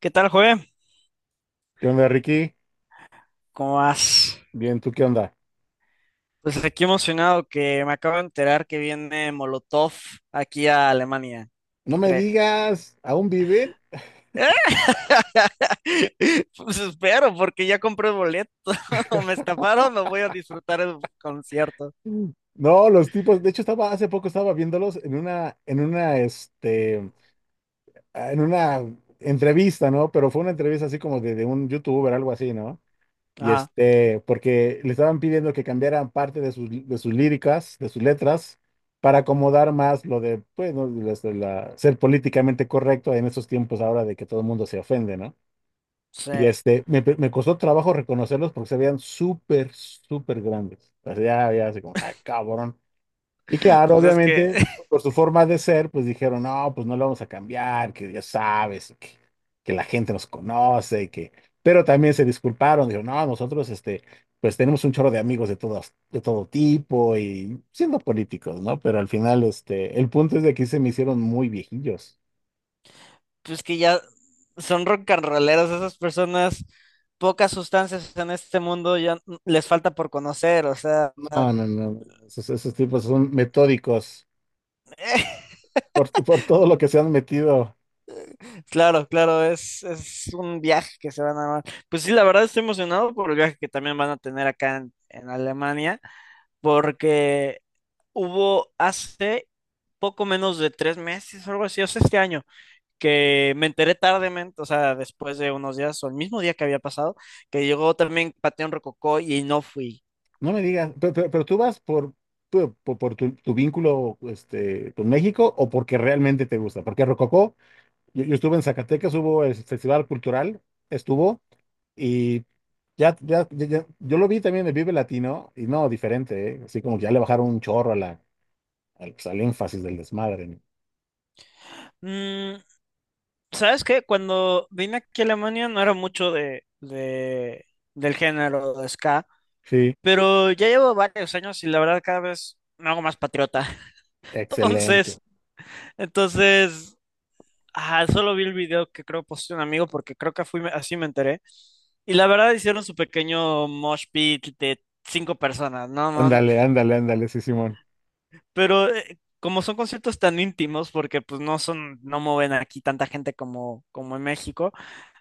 ¿Qué tal, Joe? ¿Qué onda, Ricky? ¿Cómo vas? Bien, ¿tú qué onda? Pues aquí emocionado que me acabo de enterar que viene Molotov aquí a Alemania. No ¿Qué me crees? digas, ¿aún viven? Pues espero, porque ya compré el boleto. Me estafaron, no voy a disfrutar el concierto. Mm. No, los tipos, de hecho estaba hace poco estaba viéndolos en una entrevista, ¿no? Pero fue una entrevista así como de un youtuber, algo así, ¿no? Y Ajá, porque le estaban pidiendo que cambiaran parte de sus líricas, de sus letras para acomodar más lo de pues no, las de ser políticamente correcto en estos tiempos ahora de que todo el mundo se ofende, ¿no? Y sí. Me costó trabajo reconocerlos porque se veían súper, súper grandes. O sea, ya, ya, así como, ay, cabrón. Y claro, Pues es que, obviamente, por su forma de ser, pues dijeron, no, pues no lo vamos a cambiar, que ya sabes, que la gente nos conoce, y que. Pero también se disculparon, dijeron, no, nosotros, pues tenemos un chorro de amigos de todo tipo y siendo políticos, ¿no? Pero al final, el punto es de que sí se me hicieron muy viejillos. pues que ya son rock and rolleros esas personas. Pocas sustancias en este mundo ya les falta por conocer, o sea, No, no, no, esos tipos son metódicos. Por todo lo que se han metido. claro, claro, es un viaje que se van a dar. Pues sí, la verdad estoy emocionado por el viaje que también van a tener acá en Alemania, porque hubo hace poco menos de tres meses o algo así, o sea, este año, que me enteré tardemente, o sea, después de unos días o el mismo día que había pasado, que llegó también Panteón Rococó y no fui. No me digas, pero tú vas por tu vínculo con México o porque realmente te gusta. Porque Rococó, yo estuve en Zacatecas, hubo el Festival Cultural, estuvo, y yo lo vi también en Vive Latino, y no, diferente, ¿eh? Así como que ya le bajaron un chorro a la, al, pues, al énfasis del desmadre, ¿no? Mm. ¿Sabes qué? Cuando vine aquí a Alemania no era mucho de, del género de ska, Sí, pero ya llevo varios años y la verdad cada vez me hago más patriota. excelente. Entonces, entonces, solo vi el video que creo posteó un amigo porque creo que fui, así me enteré. Y la verdad hicieron su pequeño mosh pit de cinco personas, ¿no? No, Ándale, ándale, ándale, sí, Simón. pero como son conciertos tan íntimos, porque pues no son, no mueven aquí tanta gente como, como en México.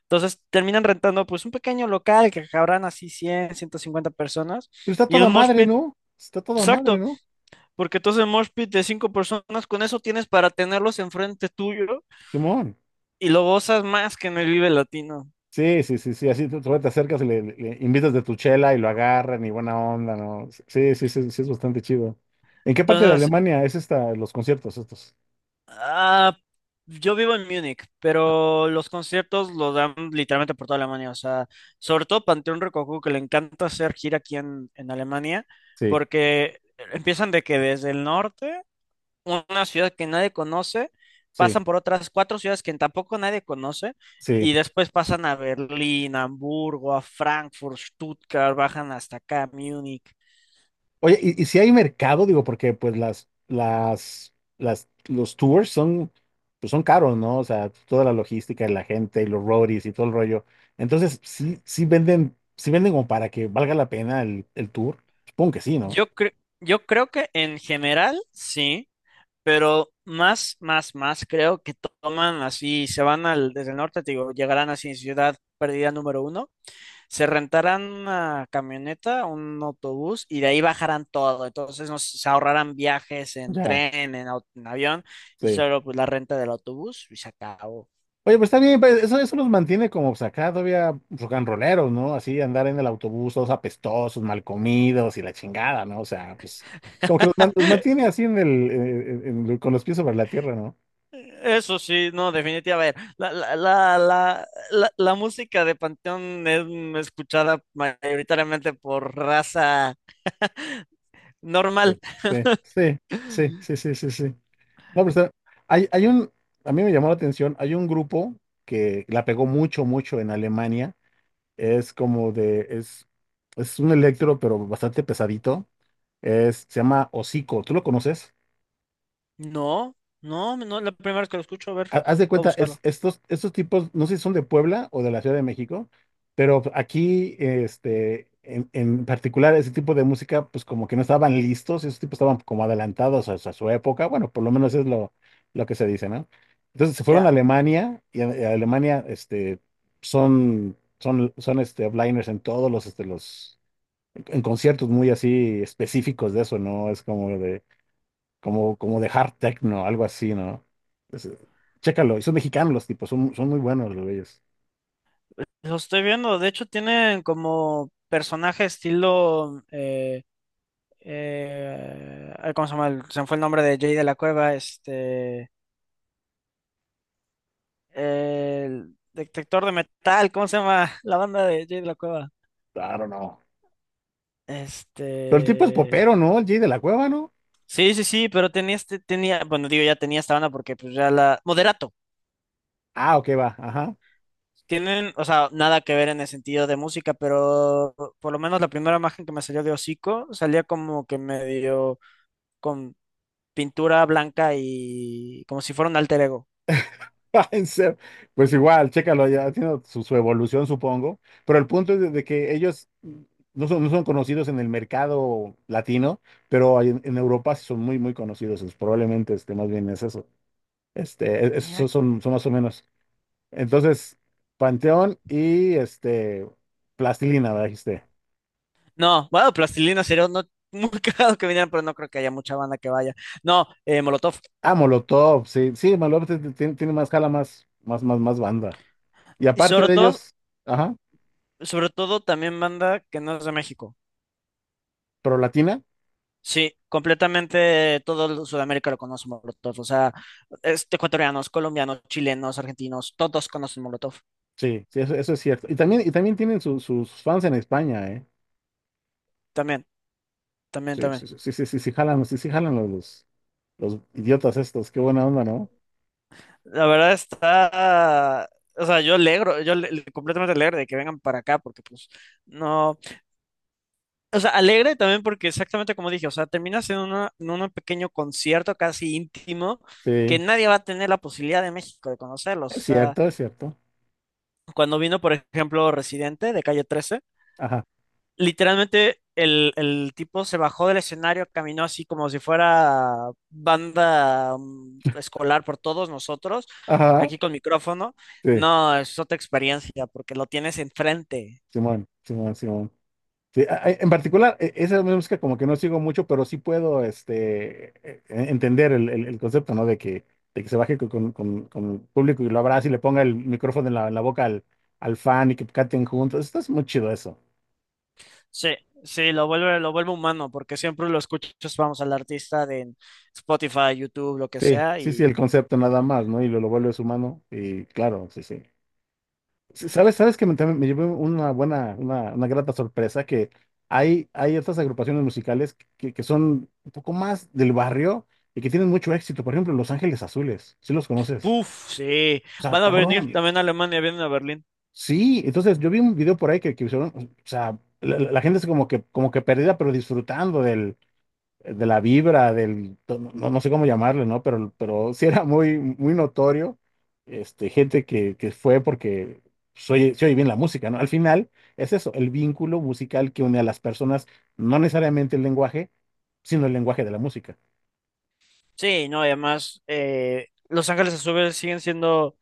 Entonces terminan rentando pues un pequeño local que cabrán así 100, 150 personas Pero está y el toda mosh madre, pit, ¿no? Está toda madre, exacto, ¿no? porque entonces el mosh pit de 5 personas con eso tienes para tenerlos enfrente tuyo Simón. y lo gozas más que en el Vive Latino. Sí, sí, sí, sí, así te acercas y le invitas de tu chela y lo agarran y buena onda, ¿no? Sí, sí, sí, sí, sí, es bastante chido. ¿En qué parte de Entonces, Alemania es esta, los conciertos estos? ah, yo vivo en Múnich, Ah, pero los conciertos los dan literalmente por toda Alemania, o sea, sobre todo Panteón Rococó que le encanta hacer gira aquí en Alemania sí, porque empiezan de que desde el norte una ciudad que nadie conoce, sí, pasan por otras cuatro ciudades que tampoco nadie conoce, sí. y después pasan a Berlín, a Hamburgo, a Frankfurt, Stuttgart, bajan hasta acá, Múnich. Oye, ¿y si hay mercado? Digo, porque pues los tours son, pues son caros, ¿no? O sea, toda la logística y la gente y los roadies y todo el rollo. Entonces, sí, sí venden como para que valga la pena el tour. Supongo que sí, ¿no? Yo cre- yo creo que en general sí, pero más, más, más creo que toman así, se van al, desde el norte, te digo, llegarán así en Ciudad Perdida número uno, se rentarán una camioneta, un autobús y de ahí bajarán todo. Entonces nos, se ahorrarán viajes en Ya, tren, en, en avión y sí. solo pues la renta del autobús y se acabó. Oye, pues está bien, pues, eso los mantiene como pues, acá todavía rock and rolleros, ¿no? Así andar en el autobús todos apestosos, mal comidos y la chingada, ¿no? O sea, pues como que los mantiene así en el, en- con los pies sobre la tierra, ¿no? Eso sí, no, definitivamente. A ver, la música de Panteón es mm, escuchada mayoritariamente por raza normal. Sí, sí, sí, sí, sí, sí, sí, sí. No, pero hay, hay un, a mí me llamó la atención, hay un grupo que la pegó mucho, mucho en Alemania, es como de, es un electro, pero bastante pesadito, se llama Hocico, ¿tú lo conoces? No, no, no es la primera vez que lo escucho. A ver, Haz de voy a cuenta, es, buscarlo. estos, estos tipos, no sé si son de Puebla o de la Ciudad de México, pero aquí, en particular, ese tipo de música, pues como que no estaban listos, esos tipos estaban como adelantados a su época, bueno, por lo menos es lo que se dice, ¿no? Entonces se fueron Ya, a Alemania, y a Alemania, son, blinders en todos los, conciertos muy así específicos de eso, ¿no? Es como de hard techno, algo así, ¿no? Es- eh, Chécalo, y son mexicanos los tipos, son muy buenos los güeyes. lo estoy viendo. De hecho, tienen como personaje estilo... ay, ¿cómo se llama? Se me fue el nombre de Jay de la Cueva, este, el detector de metal, ¿cómo se llama? La banda de Jay de la Cueva. Claro, no. Pero el tipo es Este, popero, ¿no? El Jay de la Cueva, ¿no? sí, sí, sí, pero tenía este, tenía, bueno, digo, ya tenía esta banda porque pues ya la, Moderato. Ah, ok, va, ajá. Tienen, o sea, nada que ver en el sentido de música, pero por lo menos la primera imagen que me salió de hocico salía como que medio con pintura blanca y como si fuera un alter ego. En serio. Pues igual, chécalo, ya tiene su evolución, supongo. Pero el punto es de que ellos no son conocidos en el mercado latino, pero en Europa sí son muy, muy conocidos. Es probablemente, más bien es eso. Mira, Esos son más o menos. Entonces, Panteón y Plastilina, ¿verdad? Dijiste. no, bueno, Plastilina sería no, muy cagado que vinieran, pero no creo que haya mucha banda que vaya. No, Molotov. Ah, Molotov, sí, sí, Molotov tiene más jala, más, más, más, más banda. Y Y aparte de ellos, ajá, sobre todo también banda que no es de México. pro latina, Sí, completamente todo Sudamérica lo conoce Molotov. O sea, este, ecuatorianos, colombianos, chilenos, argentinos, todos conocen Molotov. sí, sí, eso es cierto. Y también tienen sus fans en España, ¿eh? También, también, Sí, también. sí, sí, sí, sí, sí, sí jalan los idiotas estos, qué buena onda, ¿no? La verdad está, o sea, yo alegro, yo completamente alegre de que vengan para acá porque pues no. O sea, alegre también porque exactamente como dije, o sea, terminas en, en un pequeño concierto casi íntimo que Sí, nadie va a tener la posibilidad de México de conocerlos. O es sea, cierto, es cierto. cuando vino, por ejemplo, Residente de Calle 13, Ajá, literalmente el tipo se bajó del escenario, caminó así como si fuera banda mm, escolar por todos nosotros, ajá, aquí con micrófono. sí, No, es otra experiencia porque lo tienes enfrente. Simón, Simón, Simón. Sí, en particular, esa música como que no sigo mucho, pero sí puedo entender el concepto, ¿no? De que se baje con el público y lo abrace y le ponga el micrófono en la boca al fan y que canten juntos. Esto es muy chido eso. Sí, sí, lo vuelve humano, porque siempre lo escuchas, vamos, al artista de en Spotify, YouTube, lo que Sí, sea, sí, sí, y el concepto nada más, ¿no? Y lo vuelves humano y claro, sí, sí. ¿Sabes? ¿Sabes que también me llevé una buena, una grata sorpresa? Que hay otras agrupaciones musicales que son un poco más del barrio y que tienen mucho éxito. Por ejemplo, Los Ángeles Azules, ¿sí los conoces? ¡puf! Sí, O sea, van a venir cabrón. también a Alemania, vienen a Berlín. Sí, entonces yo vi un video por ahí que hicieron, o sea, la gente es como que perdida, pero disfrutando del, de la vibra, no, no sé cómo llamarle, ¿no? Pero sí era muy, muy notorio, gente que fue porque se oye bien la música, ¿no? Al final es eso, el vínculo musical que une a las personas, no necesariamente el lenguaje, sino el lenguaje de la música. Sí, no, y además, Los Ángeles Azules siguen siendo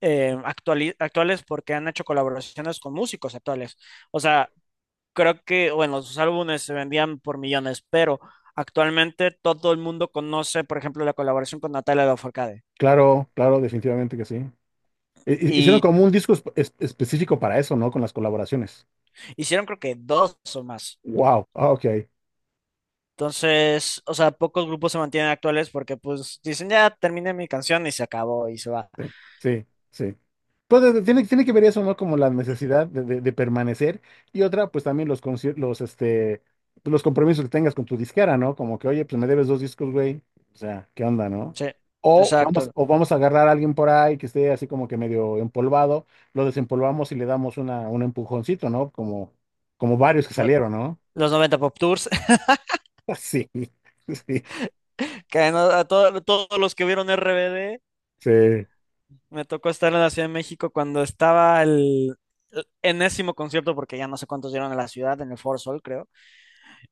actuales porque han hecho colaboraciones con músicos actuales. O sea, creo que, bueno, sus álbumes se vendían por millones, pero actualmente todo el mundo conoce, por ejemplo, la colaboración con Natalia Lafourcade. Claro, claro, definitivamente que sí. Hicieron Y como un disco específico para eso, ¿no? Con las colaboraciones. hicieron creo que dos o más. Wow, ah, ok. Entonces, o sea, pocos grupos se mantienen actuales porque pues dicen, ya terminé mi canción y se acabó y se va. Sí, sí, sí. Pues tiene que ver eso, ¿no? Como la necesidad de permanecer y otra, pues también pues, los compromisos que tengas con tu disquera, ¿no? Como que, oye, pues me debes dos discos, güey. O sea, ¿qué onda, no? Sí, O vamos, exacto. o vamos a agarrar a alguien por ahí que esté así como que medio empolvado, lo desempolvamos y le damos un empujoncito, ¿no? Como varios que Lo- salieron, ¿no? los noventa Pop Tours, Sí, sí, que todos los que vieron RBD, sí, me tocó estar en la Ciudad de México cuando estaba el enésimo concierto, porque ya no sé cuántos dieron en la ciudad, en el Foro Sol, creo.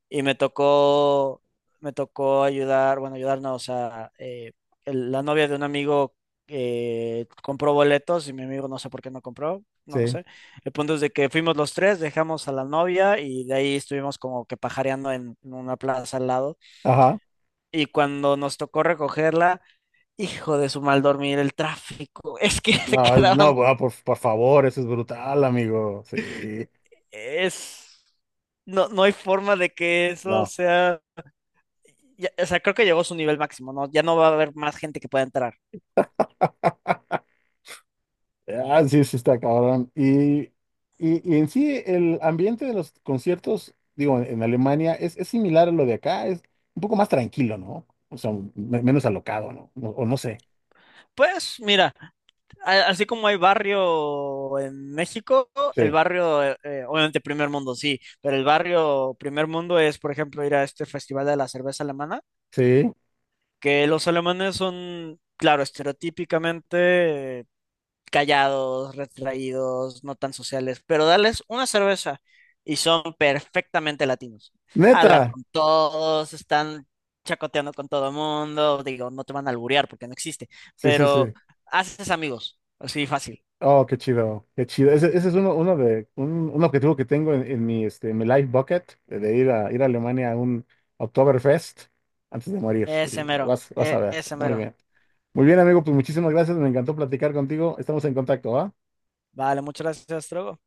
Y me tocó ayudar, bueno, ayudarnos, o sea, la novia de un amigo compró boletos y mi amigo no sé por qué no compró, no sí. sé. El punto es de que fuimos los tres, dejamos a la novia y de ahí estuvimos como que pajareando en una plaza al lado. Ajá. Y cuando nos tocó recogerla, hijo de su mal dormir, el tráfico, es que se No, quedaban, no, ah, por favor, eso es brutal, amigo. Sí. es, no, no hay forma de que eso No. sea... o sea, creo que llegó a su nivel máximo, ¿no? Ya no va a haber más gente que pueda entrar. Ah, sí, sí está cabrón. Y en sí, el ambiente de los conciertos, digo, en Alemania es similar a lo de acá, es un poco más tranquilo, ¿no? O sea, menos alocado, ¿no? O no sé. Pues mira, así como hay barrio en México, el Sí, barrio, obviamente primer mundo, sí, pero el barrio primer mundo es, por ejemplo, ir a este festival de la cerveza alemana, sí. que los alemanes son, claro, estereotípicamente callados, retraídos, no tan sociales, pero dales una cerveza y son perfectamente latinos. Neta. Hablan con todos, están chacoteando con todo el mundo, digo, no te van a alburear porque no existe, Sí, sí, sí. pero haces amigos, así fácil. Oh, qué chido, qué chido. Ese es uno de, un objetivo que tengo en mi life bucket, de ir a Alemania a un Oktoberfest antes de morir. Ese Y mero, vas a ver. ese Muy mero. bien. Muy bien, amigo, pues muchísimas gracias, me encantó platicar contigo. Estamos en contacto, ¿va? Vale, muchas gracias, Trogo.